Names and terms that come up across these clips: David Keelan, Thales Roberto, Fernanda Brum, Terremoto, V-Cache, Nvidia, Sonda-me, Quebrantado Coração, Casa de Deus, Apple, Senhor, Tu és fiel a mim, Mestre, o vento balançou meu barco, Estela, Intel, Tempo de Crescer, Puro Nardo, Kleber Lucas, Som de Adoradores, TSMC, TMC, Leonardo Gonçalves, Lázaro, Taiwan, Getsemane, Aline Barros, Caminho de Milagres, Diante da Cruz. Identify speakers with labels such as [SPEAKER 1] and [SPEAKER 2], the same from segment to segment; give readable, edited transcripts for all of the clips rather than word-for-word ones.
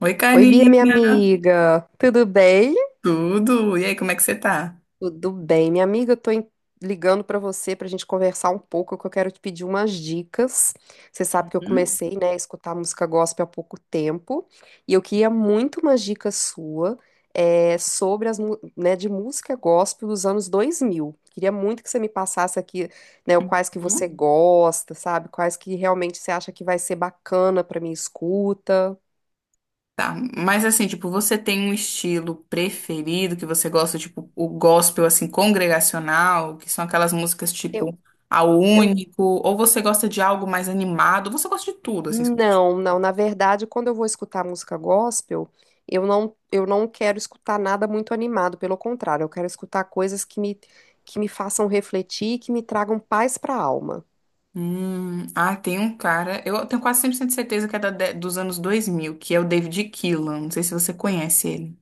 [SPEAKER 1] Oi,
[SPEAKER 2] Oi, Bia, minha
[SPEAKER 1] Karina,
[SPEAKER 2] amiga. Tudo bem?
[SPEAKER 1] tudo? E aí, como é que você tá?
[SPEAKER 2] Tudo bem, minha amiga. Eu tô em- ligando pra você pra gente conversar um pouco, que eu quero te pedir umas dicas. Você sabe que eu
[SPEAKER 1] Hum,
[SPEAKER 2] comecei, né, a escutar música gospel há pouco tempo, e eu queria muito umas dicas sua, sobre as, mu- né, de música gospel dos anos 2000. Queria muito que você me passasse aqui, né, quais que você
[SPEAKER 1] hum.
[SPEAKER 2] gosta, sabe? Quais que realmente você acha que vai ser bacana pra minha escuta.
[SPEAKER 1] Tá, mas assim, tipo, você tem um estilo preferido que você gosta, tipo, o gospel, assim, congregacional, que são aquelas músicas,
[SPEAKER 2] Eu,
[SPEAKER 1] tipo, ao
[SPEAKER 2] eu.
[SPEAKER 1] único, ou você gosta de algo mais animado, você gosta de tudo, assim. Você gosta de-
[SPEAKER 2] Não, não. Na verdade, quando eu vou escutar música gospel, eu não quero escutar nada muito animado. Pelo contrário, eu quero escutar coisas que que me façam refletir e que me tragam paz para a alma.
[SPEAKER 1] Ah, tem um cara, eu tenho quase 100% de certeza que é dos anos 2000, que é o David Keelan, não sei se você conhece ele.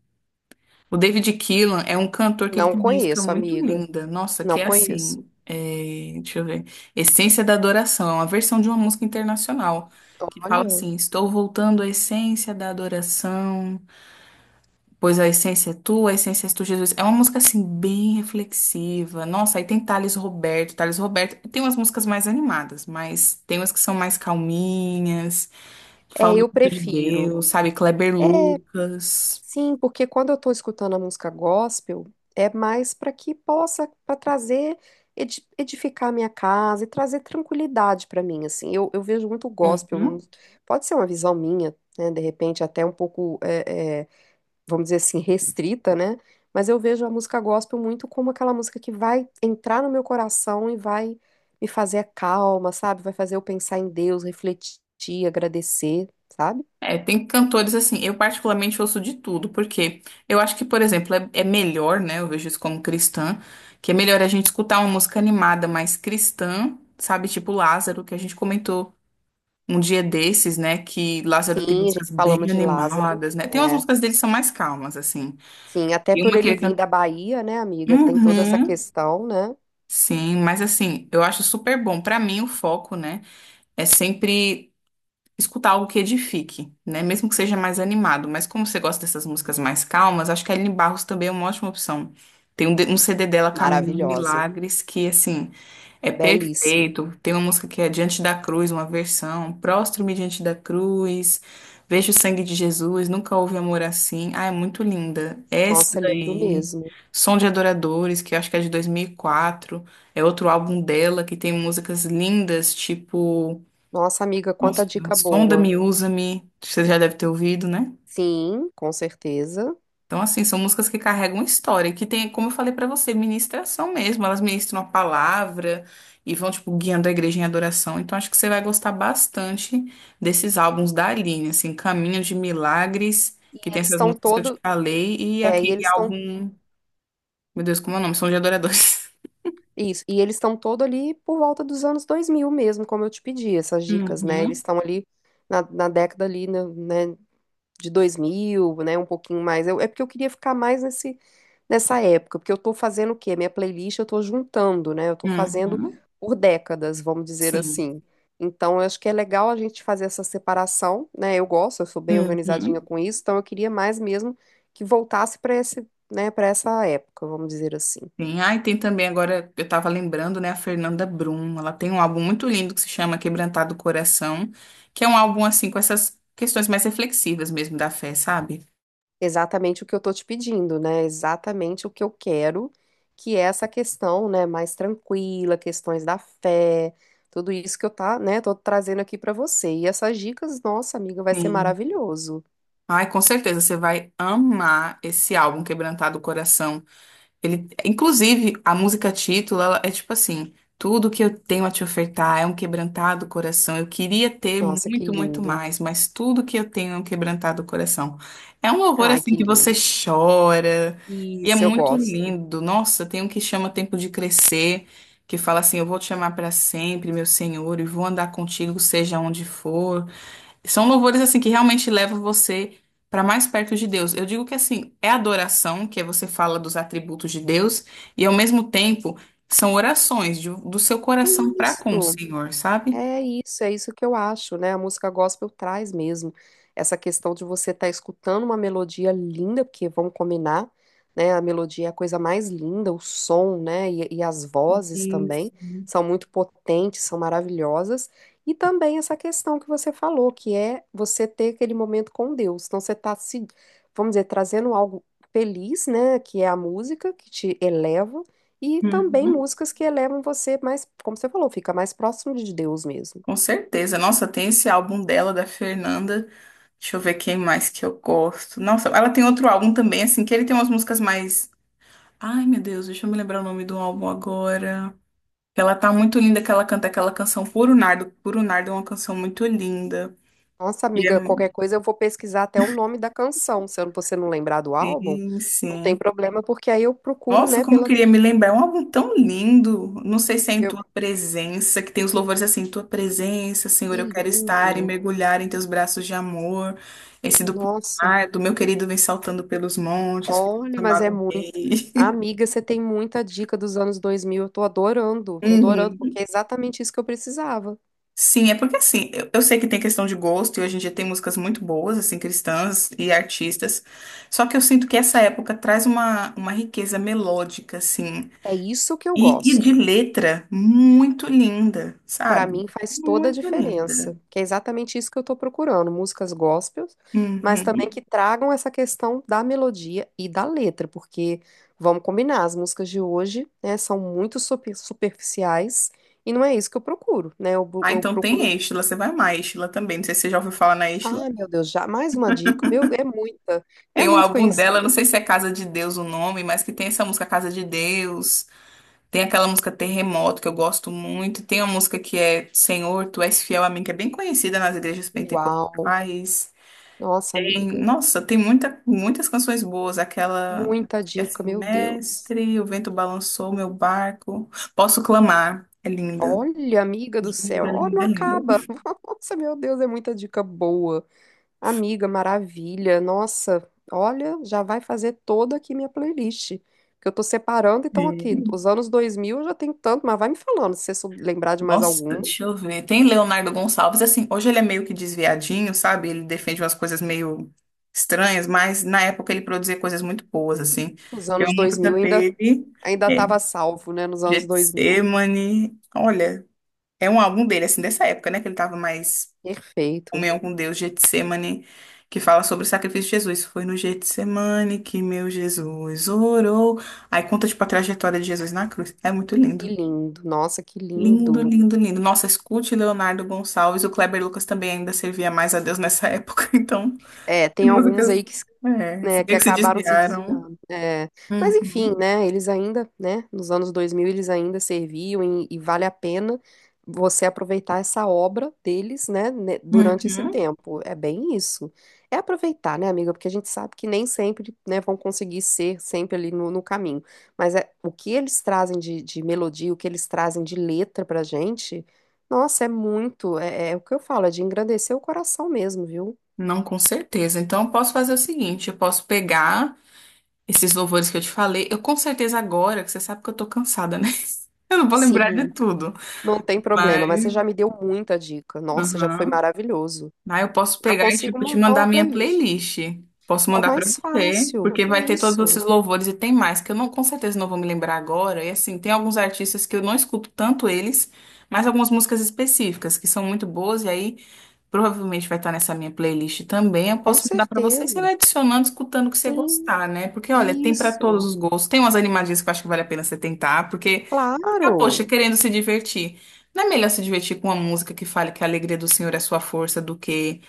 [SPEAKER 1] O David Keelan é um cantor que ele
[SPEAKER 2] Não
[SPEAKER 1] tem música
[SPEAKER 2] conheço,
[SPEAKER 1] muito
[SPEAKER 2] amiga.
[SPEAKER 1] linda. Nossa,
[SPEAKER 2] Não
[SPEAKER 1] que é assim.
[SPEAKER 2] conheço.
[SPEAKER 1] É, deixa eu ver. Essência da Adoração. É uma versão de uma música internacional. Que fala
[SPEAKER 2] Olha.
[SPEAKER 1] assim: estou voltando à essência da adoração. Pois a essência é tua, a essência é tu, Jesus. É uma música assim, bem reflexiva. Nossa, aí tem Thales Roberto. Thales Roberto tem umas músicas mais animadas, mas tem umas que são mais calminhas, que
[SPEAKER 2] É,
[SPEAKER 1] falam
[SPEAKER 2] eu
[SPEAKER 1] muito de
[SPEAKER 2] prefiro.
[SPEAKER 1] Deus, sabe? Kleber
[SPEAKER 2] É,
[SPEAKER 1] Lucas.
[SPEAKER 2] sim, porque quando eu estou escutando a música gospel, é mais para que possa, para trazer, edi- edificar a minha casa e trazer tranquilidade para mim, assim. Eu vejo muito gospel, um-
[SPEAKER 1] Uhum.
[SPEAKER 2] pode ser uma visão minha, né, de repente até um pouco, vamos dizer assim, restrita, né? Mas eu vejo a música gospel muito como aquela música que vai entrar no meu coração e vai me fazer calma, sabe? Vai fazer eu pensar em Deus, refletir, agradecer, sabe?
[SPEAKER 1] É, tem cantores assim, eu particularmente ouço de tudo, porque eu acho que, por exemplo, é melhor, né? Eu vejo isso como cristã, que é melhor a gente escutar uma música animada mais cristã, sabe? Tipo Lázaro, que a gente comentou um dia desses, né? Que Lázaro tem
[SPEAKER 2] Sim, a
[SPEAKER 1] músicas
[SPEAKER 2] gente
[SPEAKER 1] bem
[SPEAKER 2] falamos de Lázaro.
[SPEAKER 1] animadas, né? Tem umas
[SPEAKER 2] É.
[SPEAKER 1] músicas dele que são mais calmas, assim.
[SPEAKER 2] Sim, até
[SPEAKER 1] E
[SPEAKER 2] por
[SPEAKER 1] uma que
[SPEAKER 2] ele
[SPEAKER 1] ele
[SPEAKER 2] vir
[SPEAKER 1] canta.
[SPEAKER 2] da Bahia, né, amiga? Tem toda essa
[SPEAKER 1] Uhum.
[SPEAKER 2] questão, né?
[SPEAKER 1] Sim, mas assim, eu acho super bom. Pra mim, o foco, né, é sempre escutar algo que edifique, né? Mesmo que seja mais animado. Mas como você gosta dessas músicas mais calmas, acho que a Aline Barros também é uma ótima opção. Tem um, um CD dela, Caminho de
[SPEAKER 2] Maravilhosa.
[SPEAKER 1] Milagres, que, assim, é
[SPEAKER 2] Belíssimo.
[SPEAKER 1] perfeito. Tem uma música que é Diante da Cruz, uma versão. Prostro-me diante da cruz, vejo o sangue de Jesus, nunca houve amor assim. Ah, é muito linda. Essa
[SPEAKER 2] Nossa, lindo
[SPEAKER 1] daí,
[SPEAKER 2] mesmo.
[SPEAKER 1] Som de Adoradores, que eu acho que é de 2004. É outro álbum dela, que tem músicas lindas, tipo...
[SPEAKER 2] Nossa, amiga,
[SPEAKER 1] Nossa,
[SPEAKER 2] quanta dica boa.
[SPEAKER 1] Sonda-me, usa-me, você já deve ter ouvido, né?
[SPEAKER 2] Sim, com certeza.
[SPEAKER 1] Então, assim, são músicas que carregam história, que tem, como eu falei pra você, ministração mesmo. Elas ministram a palavra e vão, tipo, guiando a igreja em adoração. Então, acho que você vai gostar bastante desses álbuns da Aline, assim, Caminho de Milagres, que tem
[SPEAKER 2] Eles
[SPEAKER 1] essas
[SPEAKER 2] estão
[SPEAKER 1] músicas que eu te
[SPEAKER 2] todo,
[SPEAKER 1] falei, e
[SPEAKER 2] é, e
[SPEAKER 1] aquele
[SPEAKER 2] eles estão
[SPEAKER 1] álbum, meu Deus, como é o nome? São de Adoradores.
[SPEAKER 2] isso, e eles estão todo ali por volta dos anos 2000 mesmo, como eu te pedi, essas dicas, né? Eles
[SPEAKER 1] Uhum,
[SPEAKER 2] estão ali na década ali, de 2000, né, um pouquinho mais. Eu- é porque eu queria ficar mais nesse, nessa época, porque eu tô fazendo o quê? Minha playlist eu tô juntando, né? Eu tô fazendo
[SPEAKER 1] uhum,
[SPEAKER 2] por décadas, vamos dizer
[SPEAKER 1] sim.
[SPEAKER 2] assim. Então, eu acho que é legal a gente fazer essa separação, né? Eu gosto, eu sou bem organizadinha
[SPEAKER 1] Uhum.
[SPEAKER 2] com isso, então eu queria mais mesmo que voltasse para esse, né, para essa época, vamos dizer assim.
[SPEAKER 1] Tem, ah, e tem também agora, eu tava lembrando, né, a Fernanda Brum. Ela tem um álbum muito lindo que se chama Quebrantado Coração, que é um álbum assim com essas questões mais reflexivas mesmo da fé, sabe?
[SPEAKER 2] Exatamente o que eu tô te pedindo, né? Exatamente o que eu quero, que é essa questão, né, mais tranquila, questões da fé, tudo isso que eu tá, né, tô trazendo aqui pra você. E essas dicas, nossa, amiga, vai ser
[SPEAKER 1] Sim.
[SPEAKER 2] maravilhoso.
[SPEAKER 1] Ai, com certeza você vai amar esse álbum Quebrantado Coração. Ele, inclusive, a música título, ela é tipo assim: tudo que eu tenho a te ofertar é um quebrantado coração. Eu queria ter
[SPEAKER 2] Nossa, que
[SPEAKER 1] muito, muito
[SPEAKER 2] lindo.
[SPEAKER 1] mais, mas tudo que eu tenho é um quebrantado coração. É um horror
[SPEAKER 2] Ai,
[SPEAKER 1] assim
[SPEAKER 2] que
[SPEAKER 1] que você
[SPEAKER 2] lindo.
[SPEAKER 1] chora e é
[SPEAKER 2] Isso, eu
[SPEAKER 1] muito
[SPEAKER 2] gosto.
[SPEAKER 1] lindo. Nossa, tem um que chama Tempo de Crescer, que fala assim: eu vou te chamar para sempre, meu Senhor, e vou andar contigo, seja onde for. São louvores assim que realmente levam você para mais perto de Deus. Eu digo que assim, é adoração, que é você fala dos atributos de Deus, e ao mesmo tempo são orações do seu
[SPEAKER 2] É
[SPEAKER 1] coração para com o
[SPEAKER 2] isso.
[SPEAKER 1] Senhor, sabe?
[SPEAKER 2] É isso que eu acho, né? A música gospel traz mesmo essa questão de você estar escutando uma melodia linda, porque vamos combinar, né? A melodia é a coisa mais linda, o som, né? E as vozes também
[SPEAKER 1] Isso.
[SPEAKER 2] são muito potentes, são maravilhosas. E também essa questão que você falou, que é você ter aquele momento com Deus. Então você está se, vamos dizer, trazendo algo feliz, né? Que é a música que te eleva e também
[SPEAKER 1] Uhum.
[SPEAKER 2] músicas que elevam você mais, como você falou, fica mais próximo de Deus mesmo.
[SPEAKER 1] Com certeza. Nossa, tem esse álbum dela, da Fernanda. Deixa eu ver quem mais que eu gosto. Nossa, ela tem outro álbum também, assim, que ele tem umas músicas mais. Ai, meu Deus, deixa eu me lembrar o nome do álbum agora. Ela tá muito linda que ela canta aquela canção Puro Nardo. Puro Nardo é uma canção muito linda.
[SPEAKER 2] Nossa,
[SPEAKER 1] E é-
[SPEAKER 2] amiga, qualquer coisa eu vou pesquisar até o nome da canção. Se eu- você não lembrar do álbum,
[SPEAKER 1] Sim,
[SPEAKER 2] não tem
[SPEAKER 1] sim.
[SPEAKER 2] problema, porque aí eu procuro,
[SPEAKER 1] Nossa,
[SPEAKER 2] né,
[SPEAKER 1] como eu
[SPEAKER 2] pela.
[SPEAKER 1] queria me lembrar. É um álbum tão lindo. Não sei se é em
[SPEAKER 2] Eu...
[SPEAKER 1] tua presença, que tem os louvores assim, tua presença, Senhor,
[SPEAKER 2] Que
[SPEAKER 1] eu quero
[SPEAKER 2] lindo!
[SPEAKER 1] estar e mergulhar em teus braços de amor. Esse do Puro
[SPEAKER 2] Nossa,
[SPEAKER 1] Nardo, meu querido vem saltando pelos montes, foi
[SPEAKER 2] olha, mas é
[SPEAKER 1] chamado
[SPEAKER 2] muito.
[SPEAKER 1] rei.
[SPEAKER 2] Amiga, você tem muita dica dos anos 2000, eu tô adorando,
[SPEAKER 1] Uhum.
[SPEAKER 2] porque é exatamente isso que eu precisava.
[SPEAKER 1] Sim, é porque assim, eu sei que tem questão de gosto e hoje em dia tem músicas muito boas, assim, cristãs e artistas. Só que eu sinto que essa época traz uma riqueza melódica, assim,
[SPEAKER 2] É isso que eu
[SPEAKER 1] e de
[SPEAKER 2] gosto.
[SPEAKER 1] letra muito linda,
[SPEAKER 2] Pra
[SPEAKER 1] sabe?
[SPEAKER 2] mim faz toda a
[SPEAKER 1] Muito linda.
[SPEAKER 2] diferença, que é exatamente isso que eu tô procurando, músicas gospels, mas também
[SPEAKER 1] Uhum.
[SPEAKER 2] que tragam essa questão da melodia e da letra, porque vamos combinar, as músicas de hoje, né, são muito super- superficiais e não é isso que eu procuro, né? Eu, bu-
[SPEAKER 1] Ah,
[SPEAKER 2] eu
[SPEAKER 1] então
[SPEAKER 2] procuro,
[SPEAKER 1] tem Estela, você vai amar Estela também. Não sei se você já ouviu falar na Estela.
[SPEAKER 2] ah, meu Deus, já mais uma dica, meu, é muita, é
[SPEAKER 1] Tem um
[SPEAKER 2] muito
[SPEAKER 1] álbum dela, não sei
[SPEAKER 2] conhecimento.
[SPEAKER 1] se é Casa de Deus o nome, mas que tem essa música Casa de Deus. Tem aquela música Terremoto, que eu gosto muito. Tem uma música que é Senhor, Tu és fiel a mim, que é bem conhecida nas igrejas
[SPEAKER 2] Uau,
[SPEAKER 1] pentecostais.
[SPEAKER 2] nossa
[SPEAKER 1] Tem,
[SPEAKER 2] amiga,
[SPEAKER 1] nossa, tem muita, muitas canções boas. Aquela,
[SPEAKER 2] muita
[SPEAKER 1] que é
[SPEAKER 2] dica,
[SPEAKER 1] assim,
[SPEAKER 2] meu Deus.
[SPEAKER 1] Mestre, o vento balançou meu barco. Posso clamar. É linda.
[SPEAKER 2] Olha, amiga do
[SPEAKER 1] Linda,
[SPEAKER 2] céu, ó, não
[SPEAKER 1] linda, linda.
[SPEAKER 2] acaba. Nossa, meu Deus, é muita dica boa. Amiga, maravilha. Nossa, olha, já vai fazer toda aqui minha playlist. Que eu tô separando, então aqui,
[SPEAKER 1] Sim.
[SPEAKER 2] os anos 2000 eu já tenho tanto, mas vai me falando se você sou- lembrar de mais
[SPEAKER 1] Nossa,
[SPEAKER 2] alguma.
[SPEAKER 1] deixa eu ver. Tem Leonardo Gonçalves, assim, hoje ele é meio que desviadinho, sabe? Ele defende umas coisas meio estranhas, mas na época ele produzia coisas muito boas, assim.
[SPEAKER 2] Os
[SPEAKER 1] Tem uma
[SPEAKER 2] anos dois
[SPEAKER 1] música
[SPEAKER 2] mil ainda
[SPEAKER 1] dele,
[SPEAKER 2] ainda
[SPEAKER 1] é,
[SPEAKER 2] tava salvo, né, nos anos 2000.
[SPEAKER 1] Getsemane. Olha, é um álbum dele, assim, dessa época, né? Que ele tava mais em
[SPEAKER 2] Perfeito.
[SPEAKER 1] comunhão com Deus, Getsemane, que fala sobre o sacrifício de Jesus. Foi no Getsemane que meu Jesus orou. Aí conta, tipo, a trajetória de Jesus na cruz. É muito
[SPEAKER 2] Que
[SPEAKER 1] lindo.
[SPEAKER 2] lindo. Nossa, que
[SPEAKER 1] Lindo,
[SPEAKER 2] lindo.
[SPEAKER 1] lindo, lindo. Nossa, escute Leonardo Gonçalves. O Kleber Lucas também ainda servia mais a Deus nessa época. Então,
[SPEAKER 2] É, tem alguns aí
[SPEAKER 1] músicas.
[SPEAKER 2] que
[SPEAKER 1] É, se
[SPEAKER 2] né, que
[SPEAKER 1] bem que se
[SPEAKER 2] acabaram se
[SPEAKER 1] desviaram.
[SPEAKER 2] desviando. É. Mas enfim,
[SPEAKER 1] Uhum,
[SPEAKER 2] né, eles ainda, né, nos anos 2000 eles ainda serviam e vale a pena você aproveitar essa obra deles, né, ne- durante esse
[SPEAKER 1] uhum.
[SPEAKER 2] tempo. É bem isso. É aproveitar, né, amiga, porque a gente sabe que nem sempre, né, vão conseguir ser sempre ali no, no caminho. Mas é, o que eles trazem de melodia, o que eles trazem de letra pra gente, nossa, é muito, é o que eu falo, é de engrandecer o coração mesmo, viu?
[SPEAKER 1] Não, com certeza. Então, eu posso fazer o seguinte: eu posso pegar esses louvores que eu te falei. Eu, com certeza, agora, que você sabe que eu tô cansada, né? Eu não vou lembrar de
[SPEAKER 2] Sim.
[SPEAKER 1] tudo.
[SPEAKER 2] Não tem problema,
[SPEAKER 1] Mas.
[SPEAKER 2] mas você já me deu muita dica. Nossa, já foi
[SPEAKER 1] Uhum.
[SPEAKER 2] maravilhoso.
[SPEAKER 1] Ah, eu posso
[SPEAKER 2] Já
[SPEAKER 1] pegar e,
[SPEAKER 2] consigo
[SPEAKER 1] tipo, te
[SPEAKER 2] montar
[SPEAKER 1] mandar
[SPEAKER 2] uma
[SPEAKER 1] minha
[SPEAKER 2] playlist.
[SPEAKER 1] playlist. Posso
[SPEAKER 2] Ó,
[SPEAKER 1] mandar pra
[SPEAKER 2] mais
[SPEAKER 1] você,
[SPEAKER 2] fácil.
[SPEAKER 1] porque vai ter todos
[SPEAKER 2] Isso,
[SPEAKER 1] esses louvores e tem mais, que eu não, com certeza não vou me lembrar agora. E assim, tem alguns artistas que eu não escuto tanto eles, mas algumas músicas específicas que são muito boas, e aí provavelmente vai estar nessa minha playlist também. Eu
[SPEAKER 2] com
[SPEAKER 1] posso mandar pra você e você
[SPEAKER 2] certeza.
[SPEAKER 1] vai adicionando, escutando o que você
[SPEAKER 2] Sim,
[SPEAKER 1] gostar, né? Porque, olha, tem pra todos
[SPEAKER 2] isso.
[SPEAKER 1] os gostos. Tem umas animadinhas que eu acho que vale a pena você tentar, porque fica,
[SPEAKER 2] Claro.
[SPEAKER 1] poxa, querendo se divertir. Não é melhor se divertir com uma música que fale que a alegria do Senhor é a sua força do que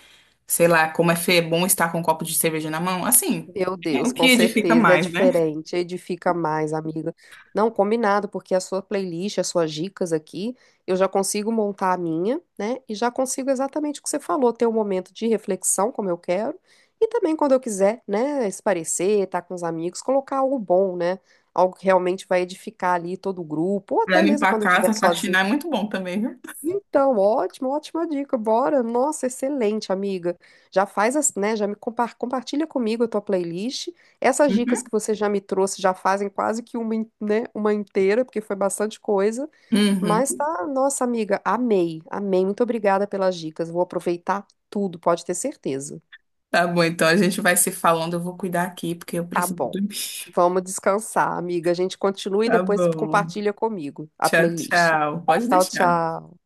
[SPEAKER 1] sei lá, como é bom estar com um copo de cerveja na mão. Assim,
[SPEAKER 2] Meu
[SPEAKER 1] é
[SPEAKER 2] Deus,
[SPEAKER 1] o que
[SPEAKER 2] com
[SPEAKER 1] edifica
[SPEAKER 2] certeza é
[SPEAKER 1] mais, né?
[SPEAKER 2] diferente, edifica mais, amiga. Não, combinado, porque a sua playlist, as suas dicas aqui, eu já consigo montar a minha, né? E já consigo exatamente o que você falou, ter um momento de reflexão, como eu quero, e também quando eu quiser, né, esparecer, estar com os amigos, colocar algo bom, né? Algo que realmente vai edificar ali todo o grupo, ou
[SPEAKER 1] Pra
[SPEAKER 2] até mesmo
[SPEAKER 1] limpar a
[SPEAKER 2] quando eu estiver
[SPEAKER 1] casa,
[SPEAKER 2] sozinha
[SPEAKER 1] faxinar é muito bom também, viu?
[SPEAKER 2] então, ótimo, ótima dica. Bora. Nossa, excelente, amiga. Já faz, as- né, já me compa- compartilha comigo a tua playlist. Essas dicas
[SPEAKER 1] Uhum.
[SPEAKER 2] que você já me trouxe já fazem quase que uma, in- né, uma inteira, porque foi bastante coisa. Mas
[SPEAKER 1] Uhum.
[SPEAKER 2] tá, nossa amiga, amei, amei. Muito obrigada pelas dicas. Vou aproveitar tudo, pode ter certeza.
[SPEAKER 1] Tá bom, então a gente vai se falando. Eu vou cuidar aqui porque eu
[SPEAKER 2] Tá
[SPEAKER 1] preciso
[SPEAKER 2] bom.
[SPEAKER 1] dormir.
[SPEAKER 2] Vamos descansar, amiga. A gente continua e
[SPEAKER 1] Tá
[SPEAKER 2] depois
[SPEAKER 1] bom.
[SPEAKER 2] compartilha comigo a
[SPEAKER 1] Tchau,
[SPEAKER 2] playlist.
[SPEAKER 1] tchau. Pode
[SPEAKER 2] Tchau,
[SPEAKER 1] deixar.
[SPEAKER 2] tchau.